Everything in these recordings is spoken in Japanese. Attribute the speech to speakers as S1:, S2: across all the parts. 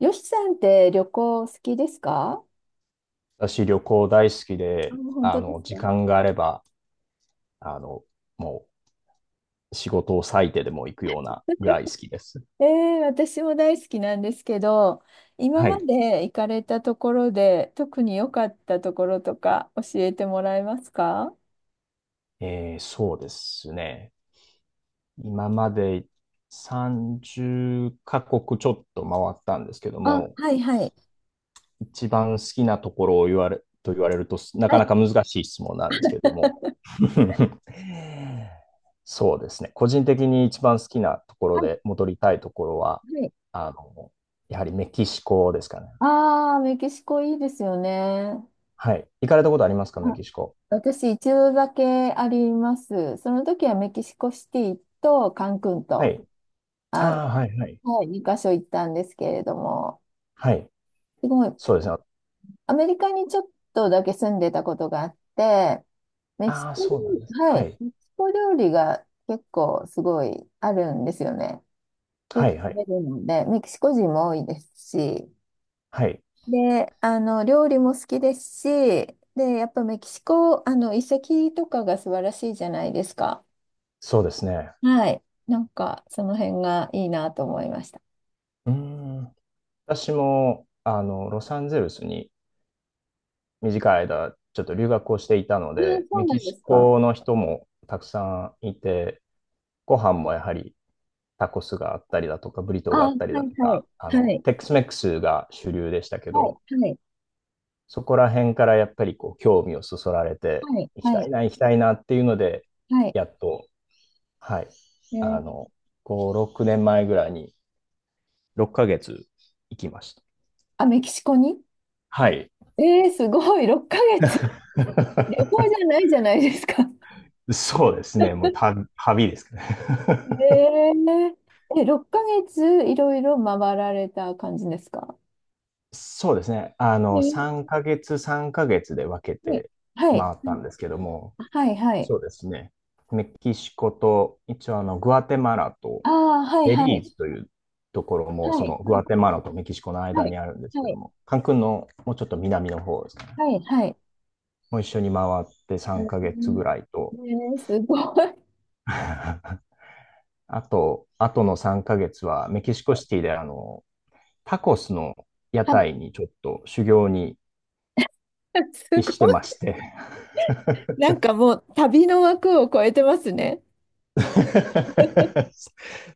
S1: よしさんって旅行好きですか？
S2: 私、旅行大好き
S1: あ、
S2: で、
S1: 本当です
S2: 時
S1: か。
S2: 間があれば、あの、もう仕事を割いてでも行くようなぐらい好きです。
S1: え私も大好きなんですけど、今
S2: は
S1: ま
S2: い。
S1: で行かれたところで特に良かったところとか教えてもらえますか？
S2: そうですね。今まで30カ国ちょっと回ったんですけど
S1: あ、
S2: も、
S1: はいはい。
S2: 一番好きなところを言われると、な
S1: は
S2: かな
S1: い、
S2: か難しい質問なんですけども。そうですね。個人的に一番好きなところ
S1: はい、
S2: で戻りたいところは、
S1: はい。
S2: あの、やはりメキシコですかね。
S1: ああ、メキシコいいですよね。
S2: はい。行かれたことありますか、メ
S1: あ、
S2: キシコ。
S1: 私一度だけあります。その時はメキシコシティとカンクン
S2: は
S1: と、
S2: い。あ
S1: あ
S2: あ、はいはい。
S1: の、はい、2箇所行ったんですけれども、
S2: はい。
S1: すごい、
S2: そうですね。
S1: アメリカにちょっとだけ住んでたことがあって、メキシ
S2: ああ、
S1: コ料
S2: そうなんで
S1: 理、
S2: す。
S1: は
S2: は
S1: い、
S2: い。
S1: メキシコ料理が結構すごいあるんですよね。よ
S2: は
S1: く
S2: いは
S1: 食
S2: い。
S1: べるので、メキシコ人も多いですし、
S2: はい。
S1: で、料理も好きですし、で、やっぱメキシコ、遺跡とかが素晴らしいじゃないですか。
S2: そうですね。
S1: はい。なんか、その辺がいいなと思いました。
S2: うーん。私も、ロサンゼルスに短い間、ちょっと留学をしていたの
S1: ああ、
S2: で、
S1: そう
S2: メ
S1: な
S2: キ
S1: んで
S2: シ
S1: すか。
S2: コの人もたくさんいて、ご飯もやはりタコスがあったりだとか、ブリトー
S1: あ
S2: があ
S1: あ、は
S2: っ
S1: い
S2: たりだと
S1: は
S2: か、
S1: い。はい。
S2: テックスメックスが主流でしたけ
S1: は
S2: ど、
S1: い。はい。
S2: そこら辺からやっぱりこう興味をそそられて、
S1: はい。
S2: 行き
S1: は
S2: たい
S1: い。
S2: な、行きたいなっていうので、
S1: はい。
S2: やっと、はい、
S1: え
S2: あ
S1: ー
S2: の、5、6年前ぐらいに6ヶ月行きました。
S1: あ、メキシコに
S2: はい。
S1: すごい、6ヶ月。旅行 じゃないじゃないですか。
S2: そうですね。もう 旅ですかね。
S1: ねええ、6ヶ月いろいろ回られた感じですか？
S2: そうですね。
S1: えー、
S2: 3ヶ月、3ヶ月で分け
S1: はい、
S2: て
S1: はい、
S2: 回ったんですけども、
S1: はい、はい。
S2: そうですね。メキシコと、一応グアテマラと、
S1: ああ、はい、
S2: ベ
S1: は
S2: リー
S1: い、
S2: ズというところも、
S1: は
S2: そ
S1: い、
S2: のグアテマラとメキシコの間
S1: はい、
S2: にあるんですけ
S1: は
S2: ど
S1: い、
S2: も、カンクンのもうちょっと南の方ですね。
S1: はい、はい、はい。
S2: もう一緒に回って3ヶ月ぐらい
S1: え
S2: と、
S1: ーえ、すごい。
S2: あとの3ヶ月はメキシコシティでタコスの屋
S1: はい。
S2: 台にちょっと修行に
S1: す
S2: して
S1: ごい。
S2: まして。
S1: なんかもう旅の枠を超えてますね。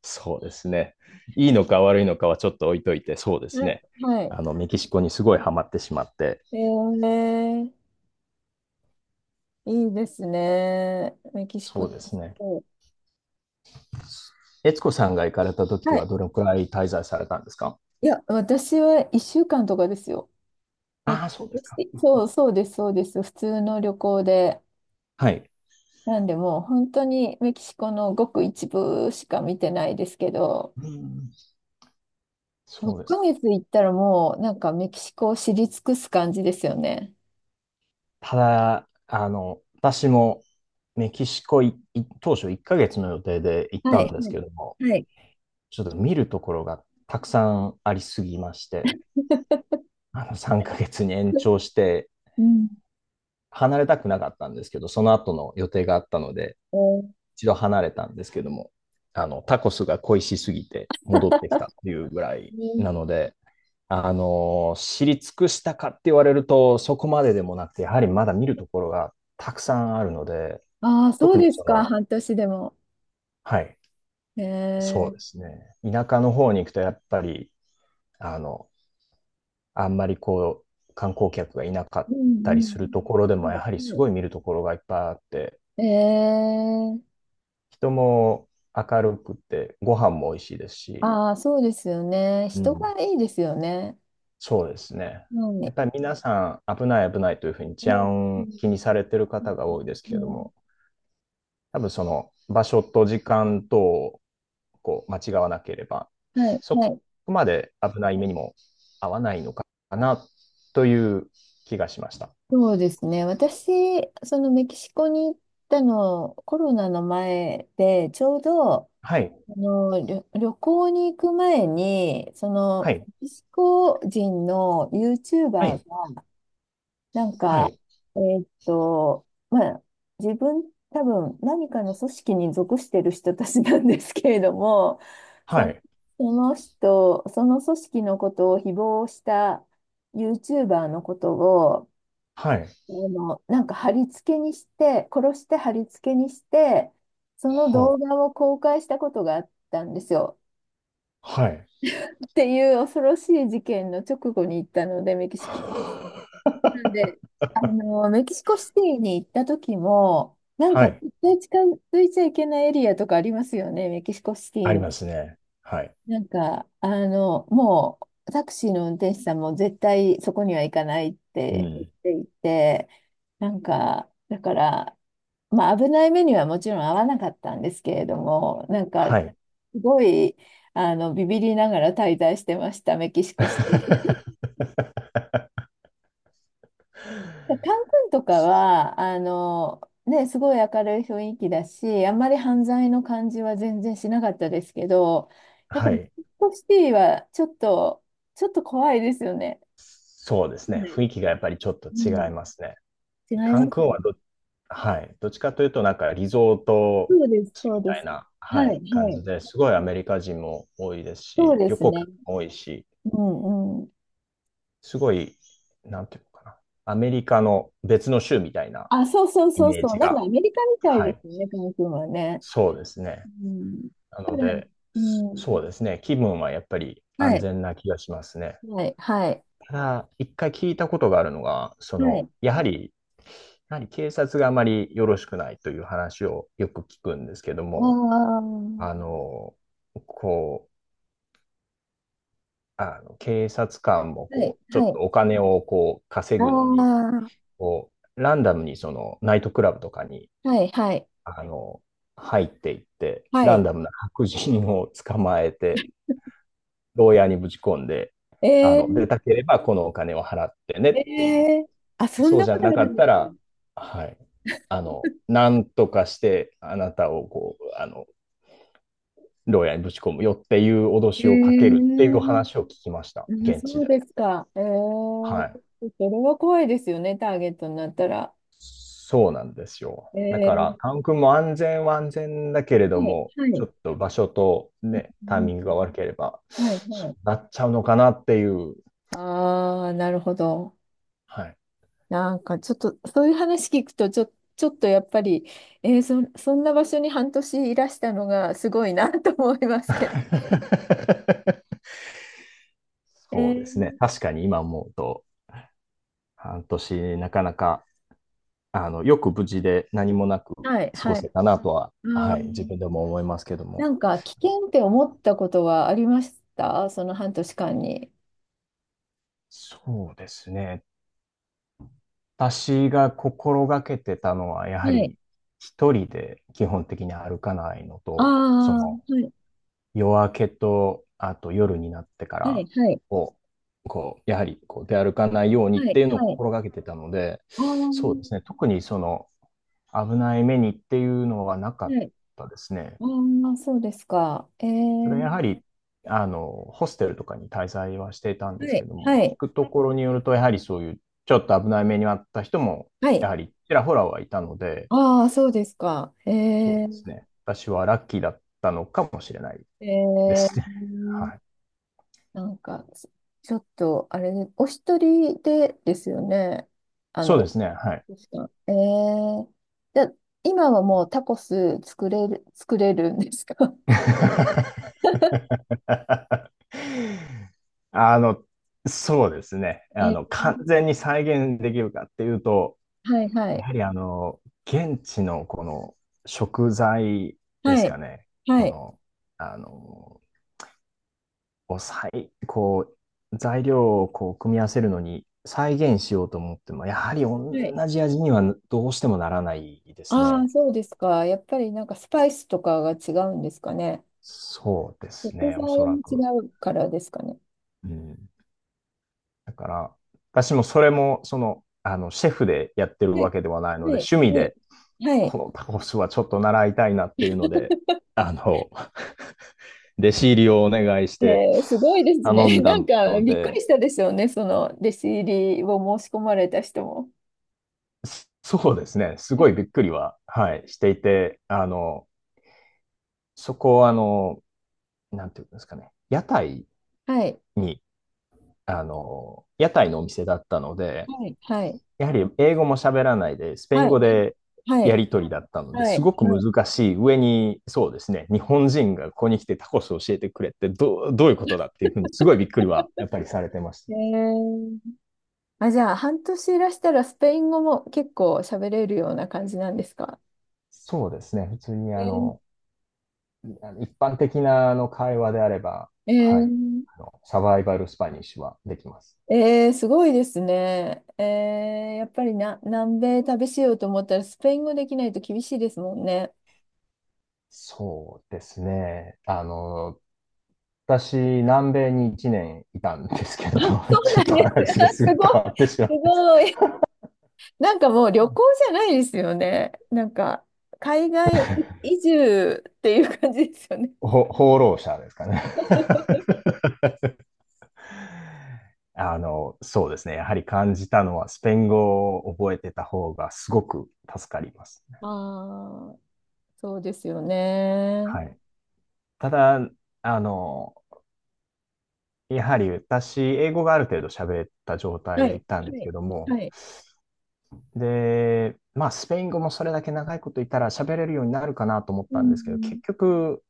S2: そうですね。いいのか悪いのかはちょっと置いといて、そうです
S1: はい。
S2: ね。
S1: はい。
S2: メキシコにすごいハマってしまって、
S1: えー、いいですね。メキシ
S2: そ
S1: コ。
S2: うですね。悦子さんが行かれた時
S1: は
S2: は
S1: い。
S2: どれくらい滞在されたんですか？
S1: いや、私は1週間とかですよ。えメ
S2: ああー、そうです
S1: キ
S2: か。
S1: シそう、そうです、そうです。普通の旅行で。
S2: はい。
S1: なんで、もう本当にメキシコのごく一部しか見てないですけど、
S2: うん。
S1: 6
S2: そうですか。
S1: ヶ月行ったらもうなんかメキシコを知り尽くす感じですよね。
S2: ただ、私もメキシコいい当初1ヶ月の予定で行っ
S1: は
S2: た
S1: い。
S2: んです
S1: は
S2: けども、
S1: い。はい。
S2: ちょっと見るところがたくさんありすぎまして、あの3ヶ月に延長して
S1: うん。
S2: 離れたくなかったんですけど、その後の予定があったので、
S1: え
S2: 一度離れたんですけども、タコスが恋しすぎて戻ってきたっていうぐらいな
S1: ー
S2: ので、知り尽くしたかって言われると、そこまででもなくて、やはりまだ見るところがたくさんあるので、
S1: ああ、そ
S2: 特
S1: う
S2: に
S1: です
S2: そ
S1: か、
S2: の、
S1: 半年でも。
S2: はい、
S1: え
S2: そう
S1: ー、
S2: ですね。田舎の方に行くと、やっぱり、あの、あんまりこう、観光客がいなかっ
S1: う
S2: たりする
S1: ん
S2: ところで
S1: うん。
S2: も、
S1: は
S2: やはり
S1: い
S2: す
S1: はい
S2: ごい見るところがいっぱいあって、
S1: えー
S2: 人も明るくて、ご飯も美味しいですし、
S1: ああ、そうですよね。
S2: う
S1: 人
S2: ん、
S1: がいいですよね。
S2: そうですね。
S1: うん。
S2: や
S1: ね
S2: っぱり皆さん危ない危ないというふうに治
S1: うんう
S2: 安
S1: ん
S2: 気にされてる方が多いです
S1: う
S2: けれど
S1: ん、
S2: も、多分その場所と時間とをこう間違わなければ、
S1: はい、
S2: そ
S1: は
S2: こ
S1: い。
S2: まで危ない目にも合わないのかなという気がしました。
S1: そうですね。私、そのメキシコに行ったの、コロナの前で、ちょうど、
S2: はい、
S1: 旅行に行く前に、そ
S2: は
S1: の、
S2: い、
S1: メキシコ人の
S2: は
S1: YouTuber
S2: い、
S1: なん
S2: は
S1: か、
S2: い、
S1: まあ、自分、多分何かの組織に属してる人たちなんですけれども、
S2: は
S1: そ、
S2: い、
S1: その人、その組織のことを誹謗した YouTuber のことを、
S2: はい、
S1: なんか貼り付けにして、殺して貼り付けにして、その動画を公開したことがあったんですよ。
S2: ははい。
S1: っていう恐ろしい事件の直後に行ったので、メキシコ。なんで、メキシコシティに行った時も、なん
S2: は
S1: か
S2: い、
S1: 絶対近づいちゃいけないエリアとかありますよね、メキシコシティ
S2: あり
S1: に。
S2: ますね。はい。
S1: なんか、もうタクシーの運転手さんも絶対そこには行かないっ
S2: う
S1: て言っ
S2: ん。
S1: ていて、なんか、だから、まあ危ない目にはもちろん合わなかったんですけれども、なんか、
S2: は
S1: す
S2: い。
S1: ごい、ビビりながら滞在してました、メキシコシティ。カン君とかは、ね、すごい明るい雰囲気だし、あんまり犯罪の感じは全然しなかったですけど、やっぱ
S2: は
S1: り
S2: い。
S1: メキシコシティはちょっと、怖いですよね。
S2: そうです
S1: そう
S2: ね。
S1: です。
S2: 雰囲気がやっぱりちょっと
S1: う
S2: 違い
S1: ん、
S2: ますね。
S1: 違い
S2: カ
S1: ま
S2: ン
S1: す
S2: クン
S1: よね。
S2: はどはい。どっちかというと、なんかリゾート
S1: そうです、
S2: 地
S1: そ
S2: み
S1: うで
S2: たい
S1: す。
S2: な、は
S1: はい、
S2: い、感
S1: は
S2: じ
S1: い。
S2: で、すごいアメリカ人も多いです
S1: そう
S2: し、
S1: で
S2: 旅
S1: す
S2: 行
S1: ね。
S2: 客も多いし、
S1: うん、うん。
S2: すごい、なんていうのかな、アメリカの別の州みたいな
S1: あ、そうそう
S2: イ
S1: そう
S2: メー
S1: そう。
S2: ジ
S1: なんか
S2: が、
S1: アメリカみたい
S2: は
S1: で
S2: い、
S1: すよね、カン君はね。
S2: そうですね。
S1: うん。
S2: な
S1: だか
S2: の
S1: ら、
S2: で、
S1: うん。
S2: そうですね。気分はやっぱり
S1: は
S2: 安
S1: い、
S2: 全な気がしますね。
S1: はい、はい。
S2: ただ、一回聞いたことがあるのが、そ
S1: は
S2: の、
S1: い。
S2: やはり、やはり警察があまりよろしくないという話をよく聞くんですけど
S1: あ
S2: も、あ
S1: あ。
S2: の、こ警察官も
S1: はい、
S2: こう、ちょ
S1: は
S2: っと
S1: い。
S2: お金をこう、稼
S1: あ
S2: ぐのに、
S1: あ、
S2: こう、ランダムにその、ナイトクラブとかに、
S1: はい、はい、
S2: あの、入っていって、
S1: は
S2: ラン
S1: い。
S2: ダムな白人を捕まえて、牢屋にぶち込んで、出
S1: え
S2: たければこのお金を払ってねっ
S1: ー、
S2: ていう。
S1: えー、あ、そん
S2: そう
S1: な
S2: じゃ
S1: ことあ
S2: なか
S1: るん
S2: っ
S1: で
S2: た
S1: す
S2: ら、はい。なんとかしてあなたをこう、牢屋にぶち込むよっていう脅しをかけるっ
S1: ね。
S2: ていう話を聞きました。
S1: あ、
S2: 現地
S1: そう
S2: で。
S1: ですか。
S2: はい。
S1: それは怖いですよね、ターゲットになったら。
S2: そうなんですよ。
S1: え
S2: だか
S1: ー、
S2: ら、カン君も安全は安全だけれど
S1: はい、
S2: も、
S1: は
S2: ちょ
S1: い。
S2: っと場所とね、
S1: う
S2: タイ
S1: ん、
S2: ミングが悪ければ、
S1: はい、
S2: そ
S1: は
S2: う
S1: い。
S2: なっちゃうのかなっていう。
S1: ああ、なるほど。
S2: はい。
S1: なんかちょっと、そういう話聞くと、ちょっとやっぱり、そんな場所に半年いらしたのがすごいなと思いますけど。え
S2: そうですね。
S1: ー、
S2: 確かに今思うと、半年なかなか、よく無事で何もなく
S1: はい、
S2: 過ご
S1: は
S2: せ
S1: い。
S2: たなとは、
S1: あ
S2: はい、自
S1: ー
S2: 分でも思いますけど
S1: な
S2: も。
S1: んか危険って思ったことはありましたその半年間に？
S2: そうですね。私が心がけてたのは、やは
S1: はい。
S2: り一人で基本的に歩かないの
S1: あ
S2: と、そ
S1: あ、は
S2: の
S1: い、
S2: 夜明けと、あと夜になってか
S1: はい、
S2: ら
S1: はい、
S2: を、こう、やはりこう出歩かないよう
S1: は
S2: にっ
S1: い、
S2: ていうのを
S1: はい。
S2: 心がけてたので、
S1: ああ、は
S2: そうですね、特にその危ない目にっていうのはなかっ
S1: い。
S2: たですね。
S1: ああ、そうですか。
S2: それはやはり、あの、ホステルとかに滞在はしていたんで
S1: は
S2: すけ
S1: い、
S2: ども、
S1: はい、
S2: 聞くところによると、やはりそういうちょっと危ない目に遭った人も、
S1: は
S2: や
S1: い。
S2: はりちらほらはいたので、
S1: ああ、そうですか。
S2: そうで
S1: ー、
S2: すね。私はラッキーだったのかもしれないで
S1: え
S2: すね。
S1: ー、
S2: はい。
S1: なんか、ちょっと、あれ、お一人でですよね。あ
S2: そうで
S1: の、
S2: すね。はい。
S1: ですか。じゃあ今はもうタコス作れるんですか？
S2: あの、そうですね。
S1: え、
S2: 完全に再現できるかっていうと、
S1: はいは
S2: や
S1: い。
S2: はり現地のこの食材で
S1: は
S2: す
S1: い。
S2: かね。こ
S1: はい。
S2: の、あの、こう、再こう、材料をこう組み合わせるのに再現しようと思っても、やはり同
S1: はい。
S2: じ味にはどうしてもならないです
S1: ああ、
S2: ね。
S1: そうですか。やっぱりなんかスパイスとかが違うんですかね。
S2: そうです
S1: 食
S2: ね、
S1: 材
S2: おそら
S1: も
S2: く。
S1: 違うからですかね。
S2: うん。だから、私もそれも、その、シェフでやってる
S1: は
S2: わ
S1: い。
S2: けではないの
S1: は
S2: で、
S1: い。
S2: 趣味
S1: はい。
S2: で、
S1: はい。
S2: このタコスはちょっと習いたいなっていうので、あの、弟子入りをお願いして
S1: すごいですね。
S2: 頼 んだ
S1: なんか
S2: の
S1: びっくり
S2: で、
S1: したでしょうね。その弟子入りを申し込まれた人も。
S2: そうですね、すごいびっくりは、はい、していて、そこは、なんていうんですかね、屋台
S1: はい。
S2: に、屋台のお店だったので、
S1: はい。はい。
S2: やはり英語も喋らないで、スペイン
S1: はい。
S2: 語で
S1: は
S2: や
S1: い。
S2: り取りだったので、
S1: はい。
S2: すごく
S1: はい
S2: 難しい上に、そうですね、日本人がここに来てタコスを教えてくれってどういうことだっていうふうに、すごいびっくりはやっぱりされてました。
S1: えー、あ、じゃあ、半年いらしたらスペイン語も結構喋れるような感じなんですか？
S2: そうですね、普通に
S1: えー
S2: あの一般的なあの会話であれば、
S1: え
S2: はい、
S1: ー、
S2: あのサバイバルスパニッシュはできます。
S1: すごいですね。やっぱりな、南米旅しようと思ったらスペイン語できないと厳しいですもんね。
S2: そうですね、私、南米に1年いたんですけど
S1: あ、そ
S2: も、
S1: う
S2: ちょ
S1: な
S2: っ
S1: ん
S2: と
S1: で
S2: 話
S1: す。
S2: が
S1: あ、
S2: す
S1: す
S2: ぐ変
S1: ごい。
S2: わってしまう。
S1: すごい。なんかもう旅行じゃないですよね。なんか、海外移住っていう感じですよね。
S2: 放浪者ですかね。そうですね。やはり感じたのは、スペイン語を覚えてた方がすごく助かりますね。
S1: ああ、そうですよね。
S2: はい。ただ、あの、やはり私、英語がある程度喋った状態
S1: は
S2: で
S1: い。
S2: 行ったんで
S1: は
S2: す
S1: い。
S2: けども、
S1: はい。
S2: で、まあ、スペイン語もそれだけ長いこといたら喋れるようになるかなと思っ
S1: う
S2: たんですけど、結
S1: ん。
S2: 局、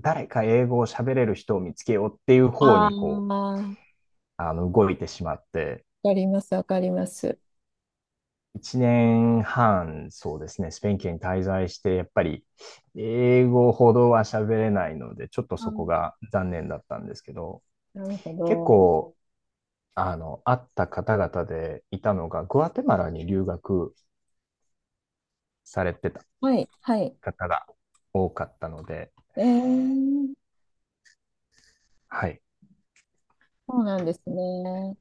S2: 誰か英語を喋れる人を見つけようっていう方
S1: ああ、
S2: にこう、
S1: わ
S2: 動いてしまって、
S1: かります。わかります。
S2: 1年半、そうですね、スペイン圏に滞在して、やっぱり英語ほどは喋れないので、ちょっと
S1: う
S2: そこ
S1: ん、
S2: が残念だったんですけど、
S1: なるほ
S2: 結
S1: ど。
S2: 構、会った方々でいたのが、グアテマラに留学されてた
S1: はい。はい。
S2: 方が多かったので、
S1: えー、
S2: はい。
S1: そうなんですね。